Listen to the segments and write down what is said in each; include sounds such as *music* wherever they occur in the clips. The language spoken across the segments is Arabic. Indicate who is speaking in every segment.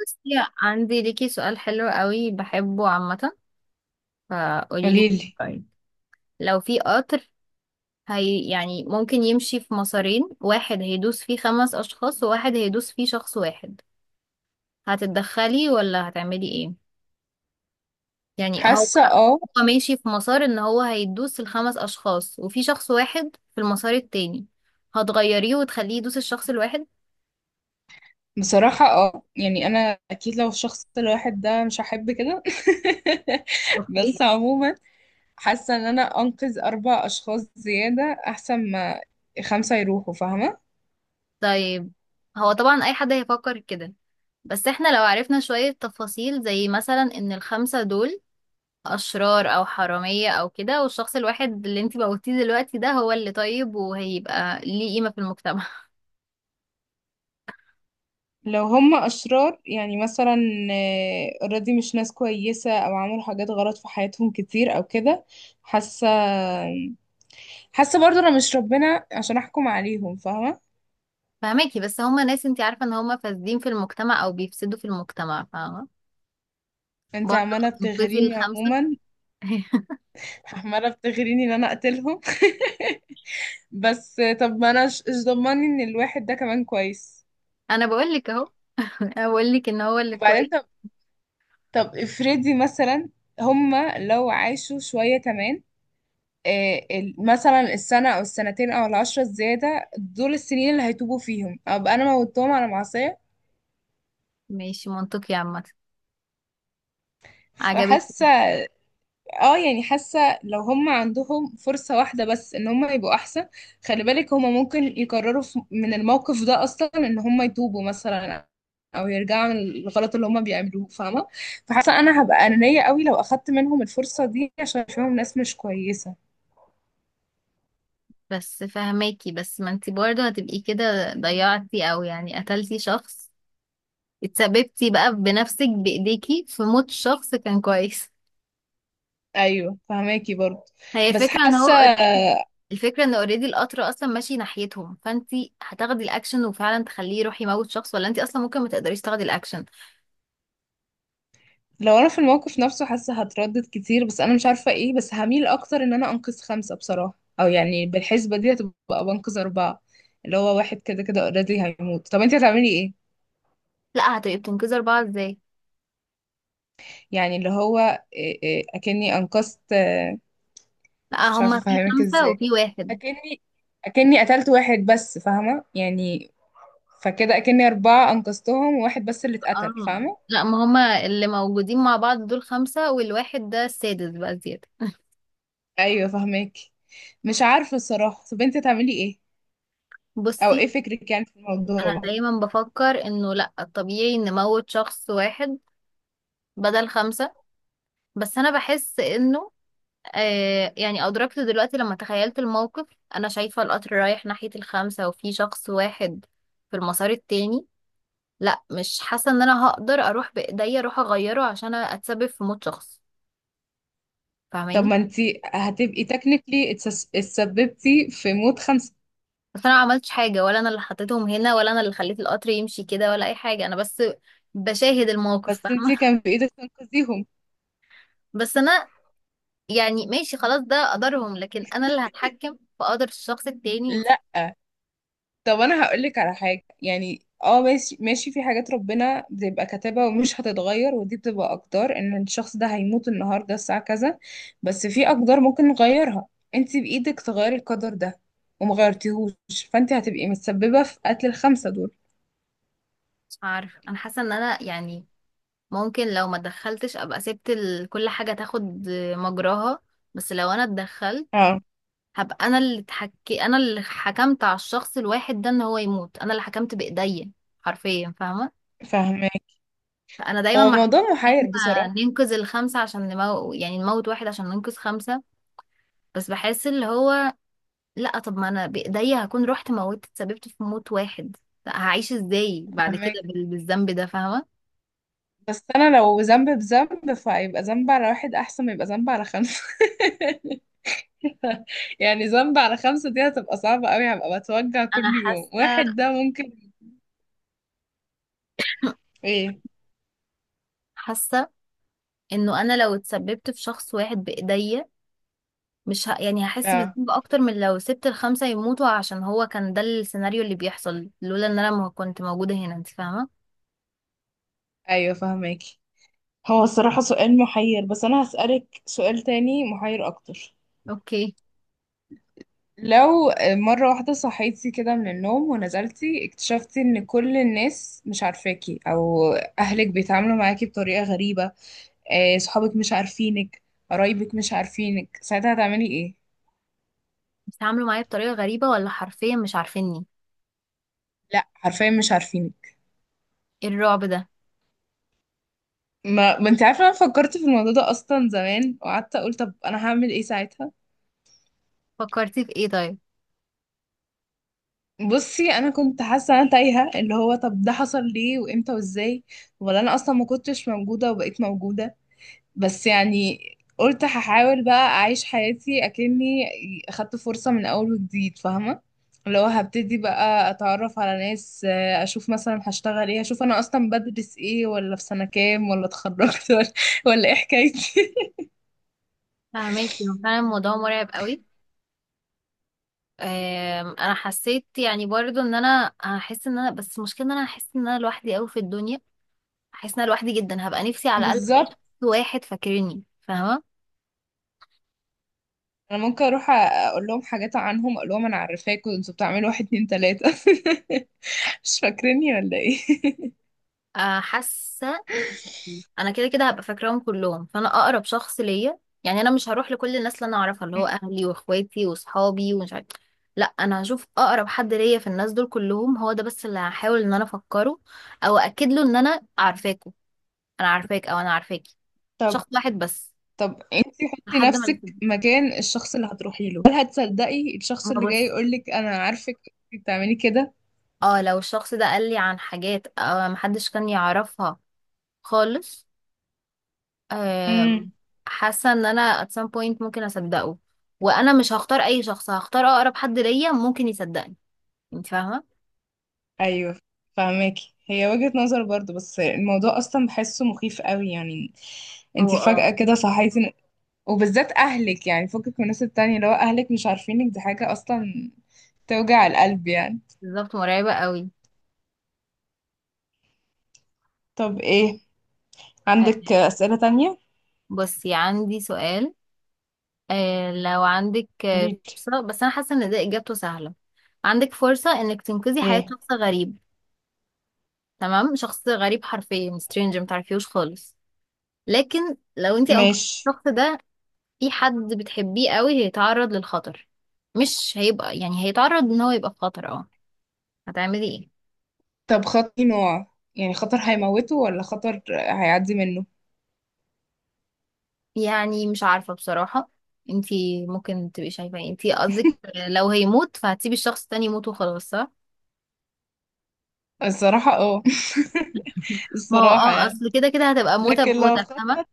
Speaker 1: بصي، عندي ليكي سؤال حلو قوي بحبه عامة. فقولي لي،
Speaker 2: قوليلي.
Speaker 1: لو في قطر، هي يعني ممكن يمشي في مسارين، واحد هيدوس فيه خمس أشخاص وواحد هيدوس فيه شخص واحد، هتتدخلي ولا هتعملي ايه؟ يعني هو
Speaker 2: حاسة اه.
Speaker 1: هو ماشي في مسار ان هو هيدوس الخمس أشخاص وفي شخص واحد في المسار التاني، هتغيريه وتخليه يدوس الشخص الواحد؟
Speaker 2: بصراحة اه، يعني انا اكيد لو الشخص الواحد ده مش هحب كده. *laughs*
Speaker 1: اوكي.
Speaker 2: بس عموما حاسة ان انا انقذ اربع اشخاص زيادة احسن ما خمسة يروحوا، فاهمة؟
Speaker 1: طيب هو طبعا أي حد هيفكر كده. بس احنا لو عرفنا شوية تفاصيل، زي مثلا ان الخمسة دول اشرار او حرامية او كده، والشخص الواحد اللي انتي موتيه دلوقتي ده هو اللي طيب وهيبقى ليه قيمة في المجتمع.
Speaker 2: لو هم اشرار يعني مثلا اوريدي مش ناس كويسة او عملوا حاجات غلط في حياتهم كتير او كده. حاسة حاسة برضو انا مش ربنا عشان احكم عليهم، فاهمة؟
Speaker 1: *laughs* فهماكي، بس هما ناس انتي عارفة ان هما فاسدين في المجتمع او بيفسدوا في المجتمع، فاهمة؟
Speaker 2: انت
Speaker 1: برضه
Speaker 2: عمالة
Speaker 1: تنقذي
Speaker 2: بتغريني
Speaker 1: الخمسة.
Speaker 2: عموما.
Speaker 1: *laughs*
Speaker 2: عمالة بتغريني ان انا اقتلهم. *laughs* بس طب ما انا ايش ضمني ان الواحد ده كمان كويس؟
Speaker 1: انا بقولك اهو، انا بقولك ان هو اللي
Speaker 2: وبعدين
Speaker 1: كويس.
Speaker 2: طب افرضي مثلا هما لو عاشوا شوية كمان، مثلا السنة أو السنتين أو العشرة الزيادة دول السنين اللي هيتوبوا فيهم أبقى أنا موتتهم على معصية.
Speaker 1: ماشي، منطقي عامة. عجبك؟
Speaker 2: فحاسة اه، يعني حاسه لو هم عندهم فرصه واحده بس ان هم يبقوا احسن. خلي بالك هم ممكن يقرروا من الموقف ده اصلا ان هم يتوبوا مثلا او يرجعوا من الغلط اللي هم بيعملوه، فاهمه؟ فحاسه انا هبقى انانيه قوي لو اخدت منهم الفرصه دي عشان اشوفهم ناس مش كويسه.
Speaker 1: بس فهماكي، بس ما انتي برضه هتبقي كده ضيعتي او يعني قتلتي شخص، اتسببتي بقى بنفسك بايديكي في موت شخص كان كويس.
Speaker 2: ايوه فهماكي برضه،
Speaker 1: هي
Speaker 2: بس
Speaker 1: الفكره ان هو،
Speaker 2: حاسه
Speaker 1: الفكره ان اوريدي القطر اصلا ماشي ناحيتهم، فانتي هتاخدي الاكشن وفعلا تخليه يروح يموت شخص، ولا انتي اصلا ممكن ما تقدريش تاخدي الاكشن.
Speaker 2: لو انا في الموقف نفسه حاسه هتردد كتير، بس انا مش عارفه ايه، بس هميل اكتر ان انا انقذ خمسه بصراحه. او يعني بالحسبه دي هتبقى بنقذ اربعه، اللي هو واحد كده كده اوريدي هيموت. طب انت هتعملي ايه؟
Speaker 1: لا، هتبقي بتنقذي اربعه ازاي؟
Speaker 2: يعني اللي هو إيه اكني انقذت
Speaker 1: لا،
Speaker 2: مش عارفه
Speaker 1: هما في
Speaker 2: افهمك
Speaker 1: خمسه
Speaker 2: ازاي.
Speaker 1: وفي واحد.
Speaker 2: اكني اكني قتلت واحد بس، فاهمه يعني؟ فكده اكني اربعه انقذتهم وواحد بس اللي اتقتل،
Speaker 1: اه،
Speaker 2: فاهمه؟
Speaker 1: لا، ما هما اللي موجودين مع بعض دول خمسه والواحد ده السادس بقى زياده.
Speaker 2: ايوه فاهمك. مش عارفه الصراحه. طب انت هتعملي ايه؟ او
Speaker 1: بصي،
Speaker 2: ايه فكرك يعني في
Speaker 1: انا
Speaker 2: الموضوع؟
Speaker 1: دايما بفكر انه لا، الطبيعي ان موت شخص واحد بدل خمسه. بس انا بحس انه يعني أدركت دلوقتي لما تخيلت الموقف. أنا شايفة القطر رايح ناحية الخمسة وفي شخص واحد في المسار التاني. لا، مش حاسة إن أنا هقدر أروح بإيديا أروح أغيره عشان أتسبب في موت شخص.
Speaker 2: طب
Speaker 1: فاهماني؟
Speaker 2: ما انتي هتبقي تكنيكلي اتسببتي في موت خمسة.
Speaker 1: بس أنا معملتش حاجة، ولا أنا اللي حطيتهم هنا، ولا أنا اللي خليت القطر يمشي كده، ولا أي حاجة. أنا بس بشاهد الموقف،
Speaker 2: بس
Speaker 1: فاهمة؟
Speaker 2: انتي كان في ايدك تنقذيهم.
Speaker 1: *laughs* بس أنا، يعني ماشي خلاص، ده قدرهم، لكن أنا اللي هتحكم في قدر الشخص التاني.
Speaker 2: لا طب انا هقولك على حاجه، يعني اه ماشي ماشي، في حاجات ربنا بتبقى كاتبها ومش هتتغير، ودي بتبقى اقدار ان الشخص ده هيموت النهارده الساعه كذا. بس في اقدار ممكن نغيرها. انت بايدك تغيري القدر ده وما غيرتيهوش، فانت هتبقي متسببه في قتل الخمسه دول.
Speaker 1: مش عارفة. أنا حاسة إن أنا يعني ممكن لو ما دخلتش ابقى سبت كل حاجة تاخد مجراها. بس لو انا اتدخلت،
Speaker 2: اه
Speaker 1: هبقى انا اللي اتحكي، انا اللي حكمت على الشخص الواحد ده ان هو يموت، انا اللي حكمت بايديا حرفيا، فاهمة؟
Speaker 2: فاهمك.
Speaker 1: فانا دايما
Speaker 2: هو
Speaker 1: مع
Speaker 2: موضوع
Speaker 1: ان
Speaker 2: محير
Speaker 1: احنا
Speaker 2: بصراحه.
Speaker 1: ننقذ الخمسة عشان يعني نموت واحد عشان ننقذ خمسة. بس بحس اللي هو، لا، طب ما انا بايديا هكون رحت موتت، اتسببت في موت واحد. لا، هعيش ازاي بعد
Speaker 2: فاهمة.
Speaker 1: كده بالذنب ده، فاهمة؟
Speaker 2: بس انا لو ذنب بذنب فهيبقى ذنب على واحد احسن ما يبقى ذنب على خمسة. *laughs* يعني ذنب على خمسة دي هتبقى صعبة قوي، هبقى بتوجع
Speaker 1: انا
Speaker 2: كل يوم.
Speaker 1: حاسة
Speaker 2: واحد ده ممكن. ايه؟
Speaker 1: حاسة انه انا لو اتسببت في شخص واحد بايديا، مش ه... يعني هحس
Speaker 2: اه.
Speaker 1: بالذنب اكتر من لو سبت الخمسة يموتوا، عشان هو كان ده السيناريو اللي بيحصل لولا ان انا ما كنت موجودة هنا، انت فاهمة؟
Speaker 2: ايوه فهماكي. هو الصراحة سؤال محير، بس انا هسألك سؤال تاني محير اكتر.
Speaker 1: اوكي.
Speaker 2: لو مرة واحدة صحيتي كده من النوم ونزلتي اكتشفتي ان كل الناس مش عارفاكي، او اهلك بيتعاملوا معاكي بطريقة غريبة، صحابك مش عارفينك، قرايبك مش عارفينك، ساعتها هتعملي ايه؟
Speaker 1: بيتعاملوا معايا بطريقة غريبة ولا حرفيا مش عارفيني؟
Speaker 2: لا حرفيا مش عارفينك.
Speaker 1: ايه الرعب ده؟
Speaker 2: ما انت عارفه انا فكرت في الموضوع ده اصلا زمان وقعدت اقول طب انا هعمل ايه ساعتها.
Speaker 1: فكرتي في ايه طيب؟
Speaker 2: بصي انا كنت حاسه انا تايهه، اللي هو طب ده حصل ليه وامتى وازاي، ولا انا اصلا ما كنتش موجوده وبقيت موجوده. بس يعني قلت هحاول بقى اعيش حياتي اكني اخدت فرصه من اول وجديد، فاهمه؟ اللي هو هبتدي بقى اتعرف على ناس، اشوف مثلا هشتغل ايه، اشوف انا اصلا بدرس ايه ولا في سنه كام ولا اتخرجت ولا ايه حكايتي.
Speaker 1: فاهمك. فعلا الموضوع مرعب قوي. انا حسيت يعني برضو ان انا هحس ان انا، بس المشكلة ان انا هحس ان انا لوحدي قوي في الدنيا، هحس ان انا لوحدي جدا، هبقى نفسي
Speaker 2: *laughs*
Speaker 1: على الاقل الاقي
Speaker 2: بالظبط.
Speaker 1: شخص واحد فاكرني، فاهمة؟
Speaker 2: انا ممكن اروح اقول لهم حاجات عنهم، اقول لهم انا عارفاكم انتوا بتعملوا واحد اتنين تلاتة. *laughs* مش فاكريني ولا ايه؟ *laughs*
Speaker 1: حاسة انا كده كده هبقى فاكراهم كلهم، فانا اقرب شخص ليا. يعني انا مش هروح لكل الناس اللي انا اعرفها، اللي هو
Speaker 2: مم.
Speaker 1: اهلي واخواتي واصحابي ومش عارف. لا، انا هشوف اقرب حد ليا في الناس دول كلهم، هو ده بس اللي هحاول ان انا افكره او اكد له ان انا عارفاكوا، انا عارفاك او انا عارفاكي.
Speaker 2: طب.
Speaker 1: شخص واحد بس
Speaker 2: انتي حطي
Speaker 1: لحد ما
Speaker 2: نفسك
Speaker 1: يفيد.
Speaker 2: مكان الشخص اللي هتروحي له، هل هتصدقي الشخص
Speaker 1: ما
Speaker 2: اللي جاي
Speaker 1: بص،
Speaker 2: يقول لك انا عارفك؟ انتي بتعملي كده؟
Speaker 1: اه لو الشخص ده قال لي عن حاجات محدش كان يعرفها خالص، آم،
Speaker 2: امم.
Speaker 1: حاسه ان انا at some point ممكن اصدقه. وانا مش هختار اي شخص، هختار اقرب حد ليا ممكن يصدقني. انت فاهمه؟
Speaker 2: ايوه فهماكي، هي وجهة نظر برضو، بس الموضوع اصلا بحسه مخيف قوي يعني.
Speaker 1: هو
Speaker 2: انتي فجأة
Speaker 1: اه،
Speaker 2: كده صحيتي وبالذات اهلك، يعني فكك من الناس التانية، لو اهلك مش عارفينك دي حاجة اصلا توجع القلب يعني.
Speaker 1: بالظبط، مرعبه قوي.
Speaker 2: طب ايه،
Speaker 1: آه،
Speaker 2: عندك أسئلة تانية؟
Speaker 1: بصي عندي سؤال. لو عندك
Speaker 2: قوليلي.
Speaker 1: فرصه، بس انا حاسه ان ده اجابته سهله. عندك فرصه انك تنقذي حياه
Speaker 2: ايه؟
Speaker 1: شخص غريب. تمام، شخص غريب حرفيا stranger متعرفيهوش خالص. لكن لو انت انقذتي
Speaker 2: ماشي.
Speaker 1: الشخص ده، في حد بتحبيه قوي هيتعرض للخطر. مش هيبقى، يعني هيتعرض ان هو يبقى في خطر، اه. هتعملي ايه؟
Speaker 2: طب خطر نوع، يعني خطر هيموته ولا خطر هيعدي منه؟
Speaker 1: يعني مش عارفة بصراحة. انتي ممكن تبقي شايفة ايه انتي قصدك؟ لو هيموت فهتسيبي الشخص التاني يموت وخلاص، صح؟
Speaker 2: الصراحة اه.
Speaker 1: *laughs*
Speaker 2: *laughs*
Speaker 1: ما هو
Speaker 2: الصراحة
Speaker 1: اه
Speaker 2: يعني.
Speaker 1: اصل كده كده هتبقى موتة
Speaker 2: لكن لو
Speaker 1: بموتة،
Speaker 2: خط
Speaker 1: فاهمة؟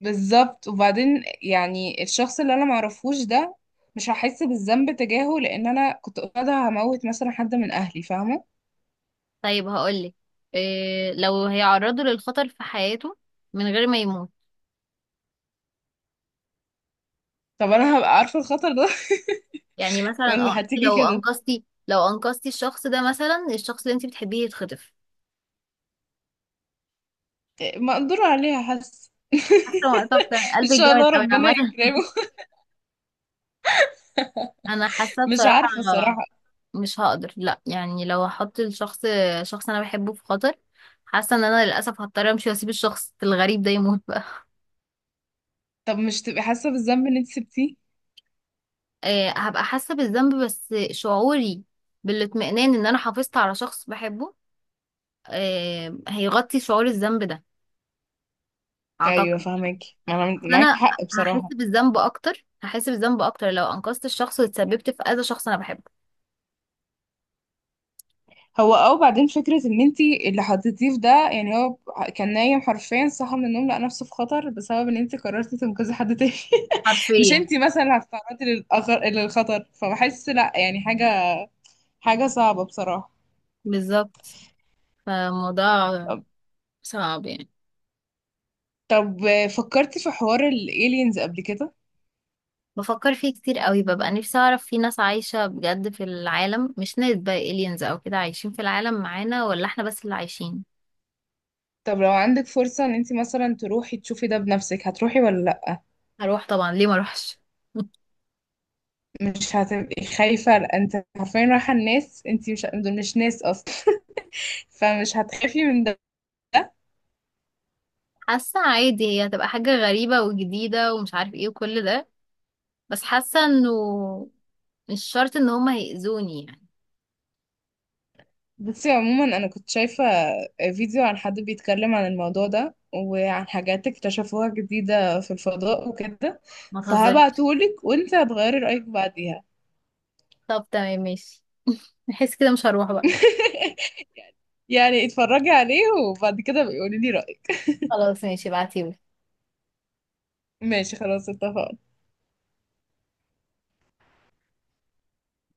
Speaker 2: بالظبط. وبعدين يعني الشخص اللي انا معرفوش ده مش هحس بالذنب تجاهه لان انا كنت قاعدة هموت مثلا حد من اهلي، فاهمة؟
Speaker 1: طيب هقولك، إيه لو هيعرضه للخطر في حياته من غير ما يموت؟
Speaker 2: طب انا هبقى عارفة الخطر ده؟
Speaker 1: يعني
Speaker 2: *laughs*
Speaker 1: مثلا اه
Speaker 2: ولا
Speaker 1: انت
Speaker 2: هتيجي
Speaker 1: لو
Speaker 2: كده
Speaker 1: انقذتي لو انقذتي الشخص ده، مثلا الشخص اللي انت بتحبيه يتخطف.
Speaker 2: مقدور عليها؟ حاسة.
Speaker 1: حاسة؟ طب ده
Speaker 2: *laughs* ان
Speaker 1: قلبك
Speaker 2: شاء
Speaker 1: جامد
Speaker 2: الله
Speaker 1: قوي
Speaker 2: ربنا
Speaker 1: عامة.
Speaker 2: يكرمه.
Speaker 1: انا حاسه
Speaker 2: *laughs* مش
Speaker 1: بصراحه
Speaker 2: عارفة صراحة.
Speaker 1: مش هقدر. لا، يعني لو هحط الشخص، شخص انا بحبه، في خطر، حاسه ان انا للاسف هضطر امشي واسيب الشخص الغريب ده يموت بقى. *laughs*
Speaker 2: طب مش تبقي حاسة بالذنب ان انت سبتيه؟
Speaker 1: هبقى حاسه بالذنب، بس شعوري بالاطمئنان ان انا حافظت على شخص بحبه هيغطي شعور الذنب ده،
Speaker 2: ايوه
Speaker 1: اعتقد.
Speaker 2: فاهمك. ما انا
Speaker 1: بس
Speaker 2: معاكي
Speaker 1: انا
Speaker 2: حق
Speaker 1: هحس
Speaker 2: بصراحة.
Speaker 1: بالذنب اكتر، هحس بالذنب اكتر لو انقذت الشخص واتسببت في اذى شخص انا بحبه.
Speaker 2: هو او بعدين فكرة ان انت اللي حطيتيه في ده، يعني هو كان نايم حرفيا، صحى من النوم لقى نفسه في خطر بسبب ان انت قررتي تنقذي حد تاني. *laughs* مش
Speaker 1: حرفيا،
Speaker 2: انت مثلا اللي هتتعرضي للخطر، فبحس لا يعني حاجة. حاجة صعبة بصراحة.
Speaker 1: بالظبط. فالموضوع
Speaker 2: طب
Speaker 1: صعب يعني.
Speaker 2: طب فكرتي في حوار الالينز قبل كده؟
Speaker 1: بفكر فيه كتير قوي، ببقى نفسي اعرف في ناس عايشة بجد في العالم، مش ناس بقى aliens او كده عايشين في العالم معانا، ولا احنا بس اللي عايشين.
Speaker 2: طب لو عندك فرصة ان انت مثلا تروحي تشوفي ده بنفسك، هتروحي ولا لا؟
Speaker 1: هروح طبعا، ليه ما اروحش؟ *laughs*
Speaker 2: مش هتبقي خايفة؟ لأ، انت حرفيا رايحة الناس، انت مش دول مش ناس اصلا. *laughs* فمش هتخافي من ده؟
Speaker 1: حاسة عادي، هي هتبقى حاجة غريبة وجديدة ومش عارف ايه وكل ده، بس حاسة انه مش شرط ان هما هيأذوني يعني.
Speaker 2: بصي عموما انا كنت شايفة فيديو عن حد بيتكلم عن الموضوع ده وعن حاجات اكتشفوها جديدة في الفضاء وكده،
Speaker 1: ما تهزريش.
Speaker 2: فهبعتهولك وانت هتغيري رأيك بعديها.
Speaker 1: طب تمام ماشي، نحس كده مش هروح بقى.
Speaker 2: *laughs* يعني اتفرجي عليه وبعد كده بقولي لي رأيك.
Speaker 1: خلاص ماشي، ابعتيلي.
Speaker 2: ماشي خلاص اتفقنا.